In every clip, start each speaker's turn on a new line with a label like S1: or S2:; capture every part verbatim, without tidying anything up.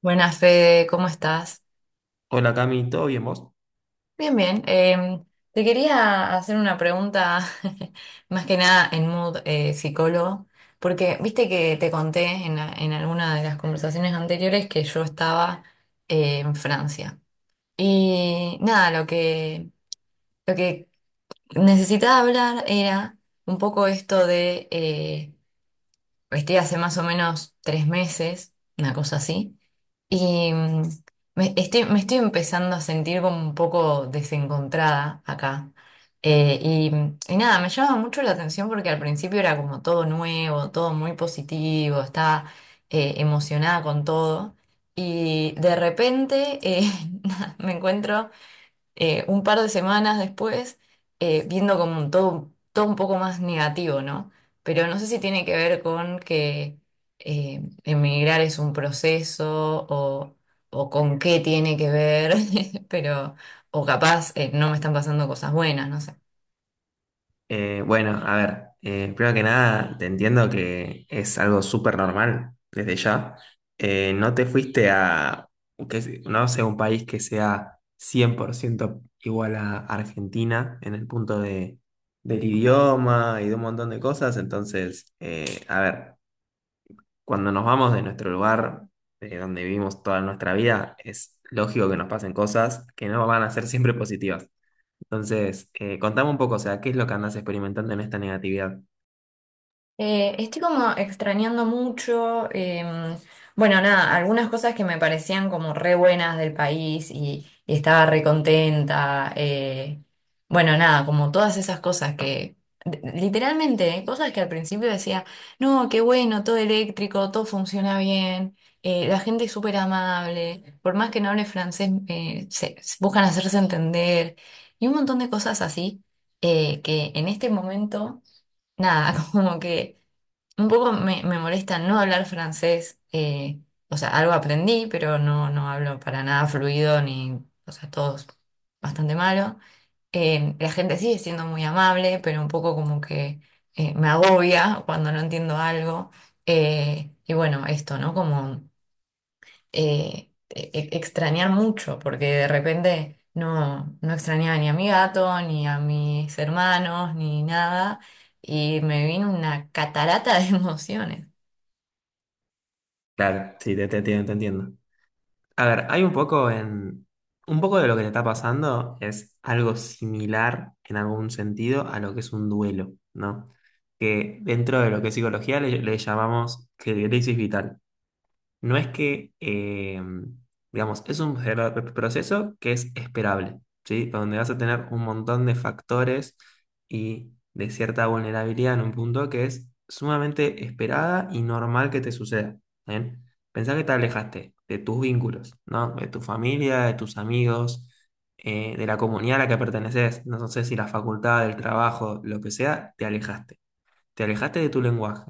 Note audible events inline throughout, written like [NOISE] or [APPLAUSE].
S1: Buenas, Fede, ¿cómo estás?
S2: Hola Cami, ¿todo bien vos?
S1: Bien, bien. Em, te quería hacer una pregunta, [LAUGHS] más que nada en mood eh, psicólogo, porque viste que te conté en, la- en alguna de las conversaciones anteriores que yo estaba eh, en Francia. Y nada, lo que, lo que necesitaba hablar era un poco esto de, eh, estoy hace más o menos tres meses, una cosa así. Y mm, me estoy, me estoy empezando a sentir como un poco desencontrada acá. Eh, y, mm, y nada, me llama mucho la atención porque al principio era como todo nuevo, todo muy positivo, estaba eh, emocionada con todo. Y de repente eh, [LAUGHS] nada, me encuentro eh, un par de semanas después, eh, viendo como un todo, todo un poco más negativo, ¿no? Pero no sé si tiene que ver con que eh, emigrar es un proceso o, o con qué tiene que ver, [LAUGHS] pero, o capaz eh, no me están pasando cosas buenas, no sé.
S2: Eh, bueno, a ver, eh, primero que nada, te entiendo que es algo súper normal desde ya. Eh, no te fuiste a, que, se- no sé, un país que sea cien por ciento igual a Argentina en el punto de, del idioma y de un montón de cosas. Entonces, eh, a ver, cuando nos vamos de nuestro lugar, de donde vivimos toda nuestra vida, es lógico que nos pasen cosas que no van a ser siempre positivas. Entonces, eh, contame un poco, o sea, ¿qué es lo que andas experimentando en esta negatividad?
S1: Eh, estoy como extrañando mucho, em, bueno, nada, algunas cosas que me parecían como re buenas del país y, y estaba re contenta, eh, bueno, nada, como todas esas cosas que, de- literalmente, cosas que al principio decía, no, qué bueno, todo eléctrico, todo funciona bien, eh, la gente es súper amable, por más que no hable francés, eh, se, se buscan hacerse entender, y un montón de cosas así, eh, que en este momento, nada, [LAUGHS] como que... Un poco me, me molesta no hablar francés, eh, o sea, algo aprendí, pero no, no hablo para nada fluido ni, o sea, todo es bastante malo. Eh, la gente sigue siendo muy amable, pero un poco como que eh, me agobia cuando no entiendo algo. Eh, y bueno, esto, ¿no? Como eh, e- e- extrañar mucho, porque de repente no, no extrañaba ni a mi gato, ni a mis hermanos, ni nada, y me vino una catarata de [LAUGHS] emociones.
S2: Claro, sí, te, te entiendo, te entiendo. A ver, hay un poco en... Un poco de lo que te está pasando es algo similar en algún sentido a lo que es un duelo, ¿no? Que dentro de lo que es psicología le, le llamamos que- crisis vital. No es que, eh, digamos, es un pro- proceso que es esperable, ¿sí? Donde vas a tener un montón de factores y de cierta vulnerabilidad en un punto que es sumamente esperada y normal que te suceda, ¿bien? Pensá que te alejaste de tus vínculos, ¿no? De tu familia, de tus amigos, eh, de la comunidad a la que perteneces, no sé si la facultad, el trabajo, lo que sea, te alejaste. Te alejaste de tu lenguaje,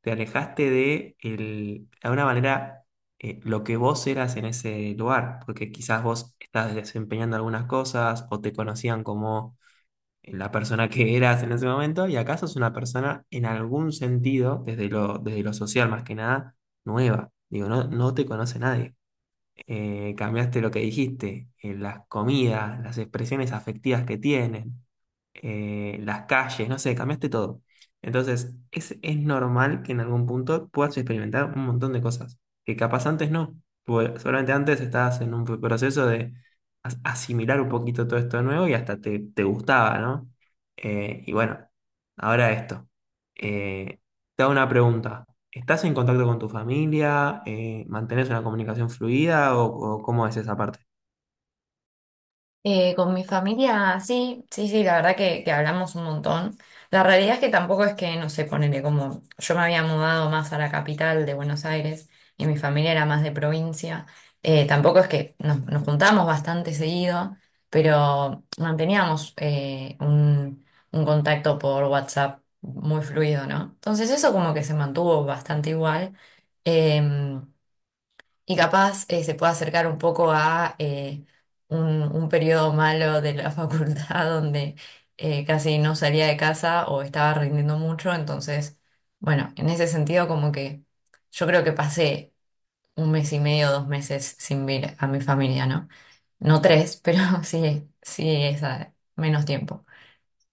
S2: te alejaste de, el, de alguna manera eh, lo que vos eras en ese lugar, porque quizás vos estás desempeñando algunas cosas o te conocían como eh, la persona que eras en ese momento y acá sos una persona en algún sentido, desde lo, desde lo social más que nada, nueva. Digo, no, no te conoce nadie. Eh, cambiaste lo que dijiste, eh, las comidas, las expresiones afectivas que tienen eh, las calles, no sé, cambiaste todo. Entonces, es, es normal que en algún punto puedas experimentar un montón de cosas que capaz antes no. Porque solamente antes estabas en un proceso de as- asimilar un poquito todo esto nuevo y hasta te, te gustaba, ¿no? Eh, y bueno, ahora esto. Eh, Te hago una pregunta. ¿Estás en contacto con tu familia? Eh, ¿mantenés una comunicación fluida o, o cómo es esa parte?
S1: Eh, con mi familia, sí, sí, sí, la verdad que, que hablamos un montón. La realidad es que tampoco es que, no sé, ponele como yo me había mudado más a la capital de Buenos Aires y mi familia era más de provincia, eh, tampoco es que nos, nos juntábamos bastante seguido, pero manteníamos eh, un, un contacto por WhatsApp muy fluido, ¿no? Entonces eso como que se mantuvo bastante igual. Em, y capaz eh, se puede acercar un poco a eh, un, un periodo malo de la [LAUGHS] facultad donde eh, casi no salía de casa o estaba rindiendo mucho. Entonces, bueno, en ese sentido como que yo creo que pasé un mes y medio, dos meses sin ver a mi familia, ¿no? No tres, pero [LAUGHS] sí, sí es ah, menos tiempo.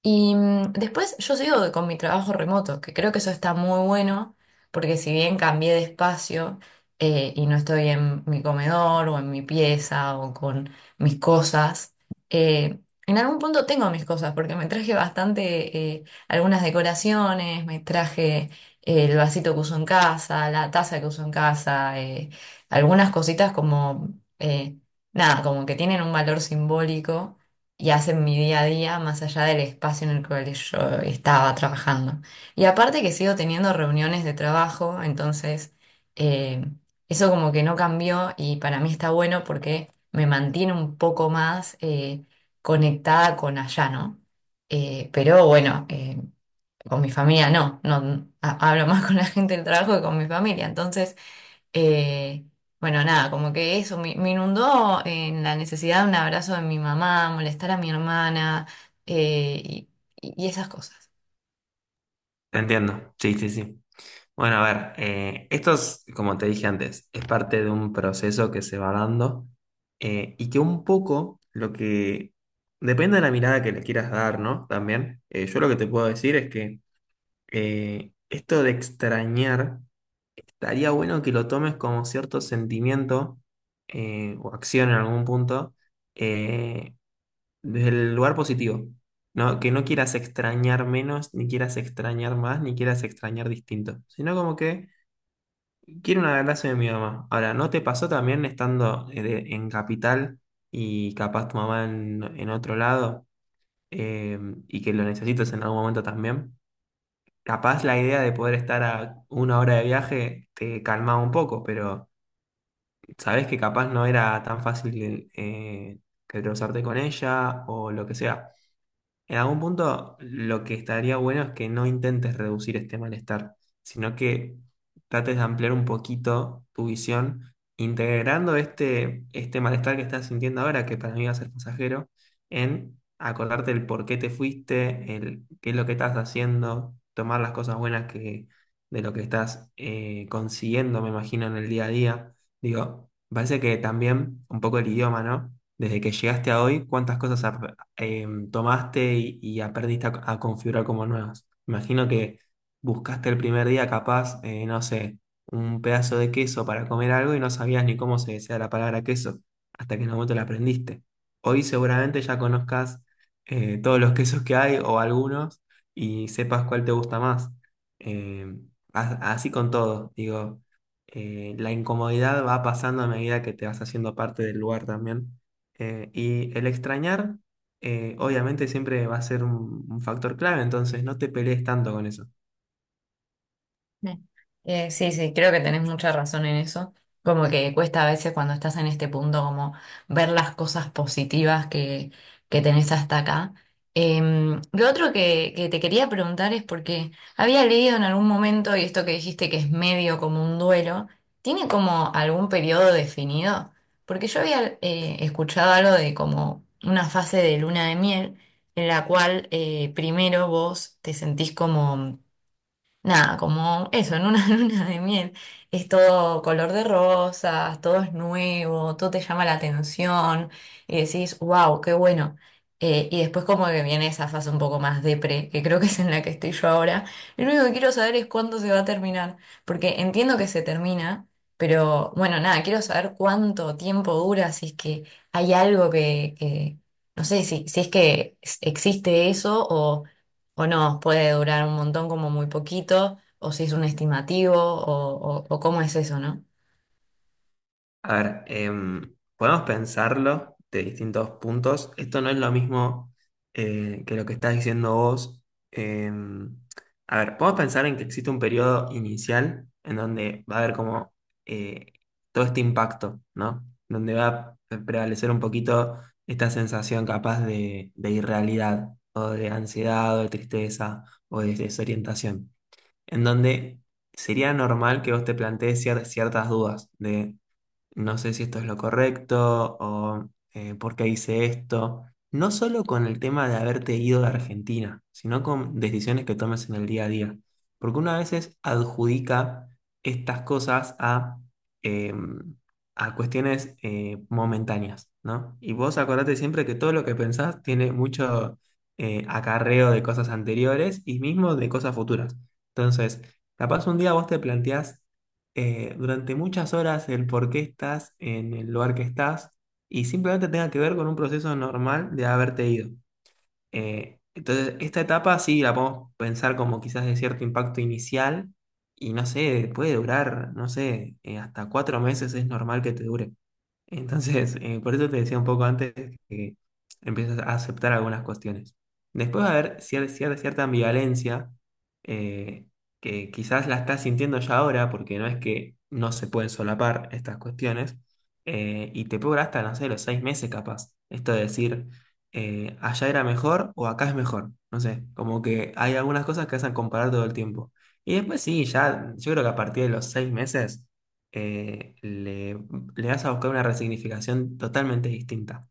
S1: Y mm, después yo sigo con mi trabajo remoto, que creo que eso está muy bueno, porque si bien cambié de espacio eh, y no estoy en mi comedor o en mi pieza o con mis cosas, eh, en algún punto tengo mis cosas, porque me traje bastante, eh, algunas decoraciones, me traje eh, el vasito que uso en casa, la taza que uso en casa, eh, algunas cositas como, eh, nada, como que tienen un valor simbólico y hacen mi día a día más allá del espacio en el cual yo estaba trabajando. Y aparte que sigo teniendo reuniones de trabajo, entonces eh, eso como que no cambió y para mí está bueno porque me mantiene un poco más eh, conectada con allá, ¿no? Eh, pero bueno, eh, con mi familia no, no, ha- hablo [LAUGHS] más con la gente del trabajo que con mi familia, entonces... Eh, bueno, nada, como que eso me, me inundó en la necesidad de un abrazo de mi mamá, molestar a mi hermana eh, y, y esas cosas.
S2: Entiendo. Sí, sí, sí. Bueno, a ver, eh, esto es, como te dije antes, es parte de un proceso que se va dando, eh, y que un poco lo que depende de la mirada que le quieras dar, ¿no? También, eh, yo lo que te puedo decir es que, eh, esto de extrañar, estaría bueno que lo tomes como cierto sentimiento eh, o acción en algún punto, eh, desde el lugar positivo, ¿no? Que no quieras extrañar menos, ni quieras extrañar más, ni quieras extrañar distinto, sino como que quiero un abrazo de mi mamá. Ahora, ¿no te pasó también estando eh, de- en capital y capaz tu mamá en, en otro lado, eh, y que lo necesites en algún momento también? Capaz la idea de poder estar a una hora de viaje te calmaba un poco, pero sabes que capaz no era tan fácil, eh, que cruzarte con ella o lo que sea. En algún punto, lo que estaría bueno es que no intentes reducir este malestar, sino que trates de ampliar un poquito tu visión, integrando este, este malestar que estás sintiendo ahora, que para mí va a ser pasajero, en acordarte el por qué te fuiste, el qué es lo que estás haciendo, tomar las cosas buenas que, de lo que estás eh, consiguiendo, me imagino, en el día a día. Digo, parece que también un poco el idioma, ¿no? Desde que llegaste a hoy, ¿cuántas cosas ap- em, tomaste y, y aprendiste a, a configurar como nuevas? Imagino que buscaste el primer día capaz, eh, no sé, un pedazo de queso para comer algo y no sabías ni cómo se decía la palabra queso, hasta que en un momento la aprendiste. Hoy seguramente ya conozcas eh, todos los quesos que hay o algunos y sepas cuál te gusta más. Em, a- así con todo, digo, eh, la incomodidad va pasando a medida que te vas haciendo parte del lugar también. Eh, y el extrañar eh, obviamente siempre va a ser un, un factor clave, entonces no te pelees tanto con eso.
S1: Mm. Eh, sí, sí, creo que tenés mucha razón en eso. Como que cuesta a veces cuando estás en este punto como ver las cosas positivas que, que tenés hasta acá. Em, lo otro que, que te quería preguntar es porque había leído en algún momento, y esto que dijiste que es medio como un duelo, ¿tiene como algún periodo definido? Porque yo había eh, escuchado algo de como una fase de luna de miel en la cual eh, primero vos te sentís como... Nada, como eso, en una [LAUGHS] luna de miel. Es todo color de rosas, todo es nuevo, todo te llama la atención y decís, wow, qué bueno. Eh, y después como que viene esa fase un poco más depre, que creo que es en la que estoy yo ahora. Lo único que quiero saber es cuándo se va a terminar, porque entiendo que se termina, pero bueno, nada, quiero saber cuánto tiempo dura, si es que hay algo que, que- no sé, si, si es que existe eso o... O no, puede durar un montón como muy poquito, o si es un estimativo, o, o, o cómo es eso, ¿no?
S2: A ver, em, podemos pensarlo de distintos puntos. Esto no es lo mismo eh, que lo que estás diciendo vos. Em, a ver, podemos pensar en que existe un periodo inicial en donde va a haber como, eh, todo este impacto, ¿no? Donde va a pre- prevalecer un poquito esta sensación capaz de, de irrealidad o de ansiedad o de tristeza o de desorientación. En donde sería normal que vos te plantees cier- ciertas dudas de no sé si esto es lo correcto o, eh, por qué hice esto. No solo con el tema de haberte ido de Argentina, sino con decisiones que tomes en el día a día. Porque una a veces adjudica estas cosas a, eh, a cuestiones eh, momentáneas, ¿no? Y vos acordate siempre que todo lo que pensás tiene mucho, eh, acarreo de cosas anteriores y mismo de cosas futuras. Entonces, capaz un día vos te planteás, eh, durante muchas horas el por qué estás en el lugar que estás y simplemente tenga que ver con un proceso normal de haberte ido. Eh, entonces, esta etapa sí la podemos pensar como quizás de cierto impacto inicial y no sé, puede durar, no sé, eh, hasta cuatro meses es normal que te dure. Entonces, eh, por eso te decía un poco antes que empiezas a aceptar algunas cuestiones. Después va a haber cier- cier- cierta ambivalencia, eh, que quizás la estás sintiendo ya ahora, porque no es que no se pueden solapar estas cuestiones, eh, y te puede durar hasta, no sé, los seis meses capaz. Esto de decir, eh, allá era mejor o acá es mejor. No sé, como que hay algunas cosas que hacen comparar todo el tiempo. Y después sí, ya, yo creo que a partir de los seis meses, eh, le le vas a buscar una resignificación totalmente distinta,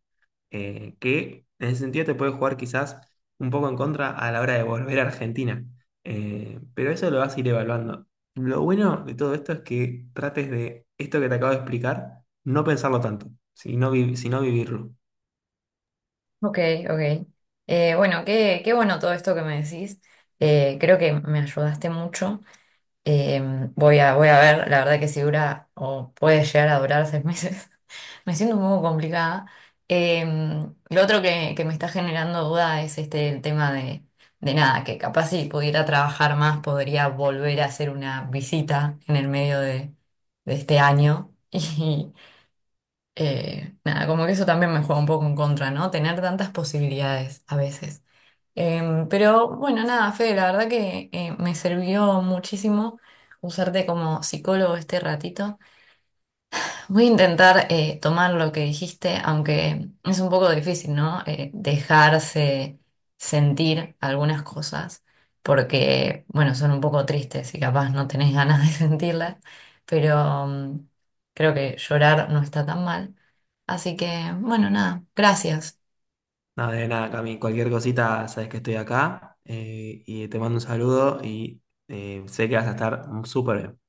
S2: eh, que en ese sentido te puede jugar quizás un poco en contra a la hora de volver a Argentina. Eh, pero eso lo vas a ir evaluando. Lo bueno de todo esto es que trates de esto que te acabo de explicar, no pensarlo tanto, sino, vi- sino vivirlo.
S1: Ok, ok. Eh, bueno, qué, qué bueno todo esto que me decís. Eh, creo que me ayudaste mucho. Eh, voy a, voy a ver, la verdad que si dura o puede llegar a durar seis meses, [LAUGHS] me siento un poco complicada. Eh, lo otro que, que me está generando duda es este el tema de, de nada, que capaz si pudiera trabajar más podría volver a hacer una visita en el medio de, de este año. [LAUGHS] Y eh, nada, como que eso también me juega un poco en contra, ¿no? Tener tantas posibilidades a veces. Em, pero bueno, nada, Fede, la verdad que eh, me sirvió muchísimo usarte como psicólogo este ratito. Voy a intentar eh, tomar lo que dijiste, aunque es un poco difícil, ¿no? Eh, dejarse sentir algunas cosas, porque, bueno, son un poco tristes y capaz no tenés ganas de [LAUGHS] sentirlas, pero mm, creo que llorar no está tan mal. Así que, bueno, nada, gracias.
S2: Nada de nada, Cami, cualquier cosita, sabes que estoy acá, eh, y te mando un saludo y eh, sé que vas a estar súper bien.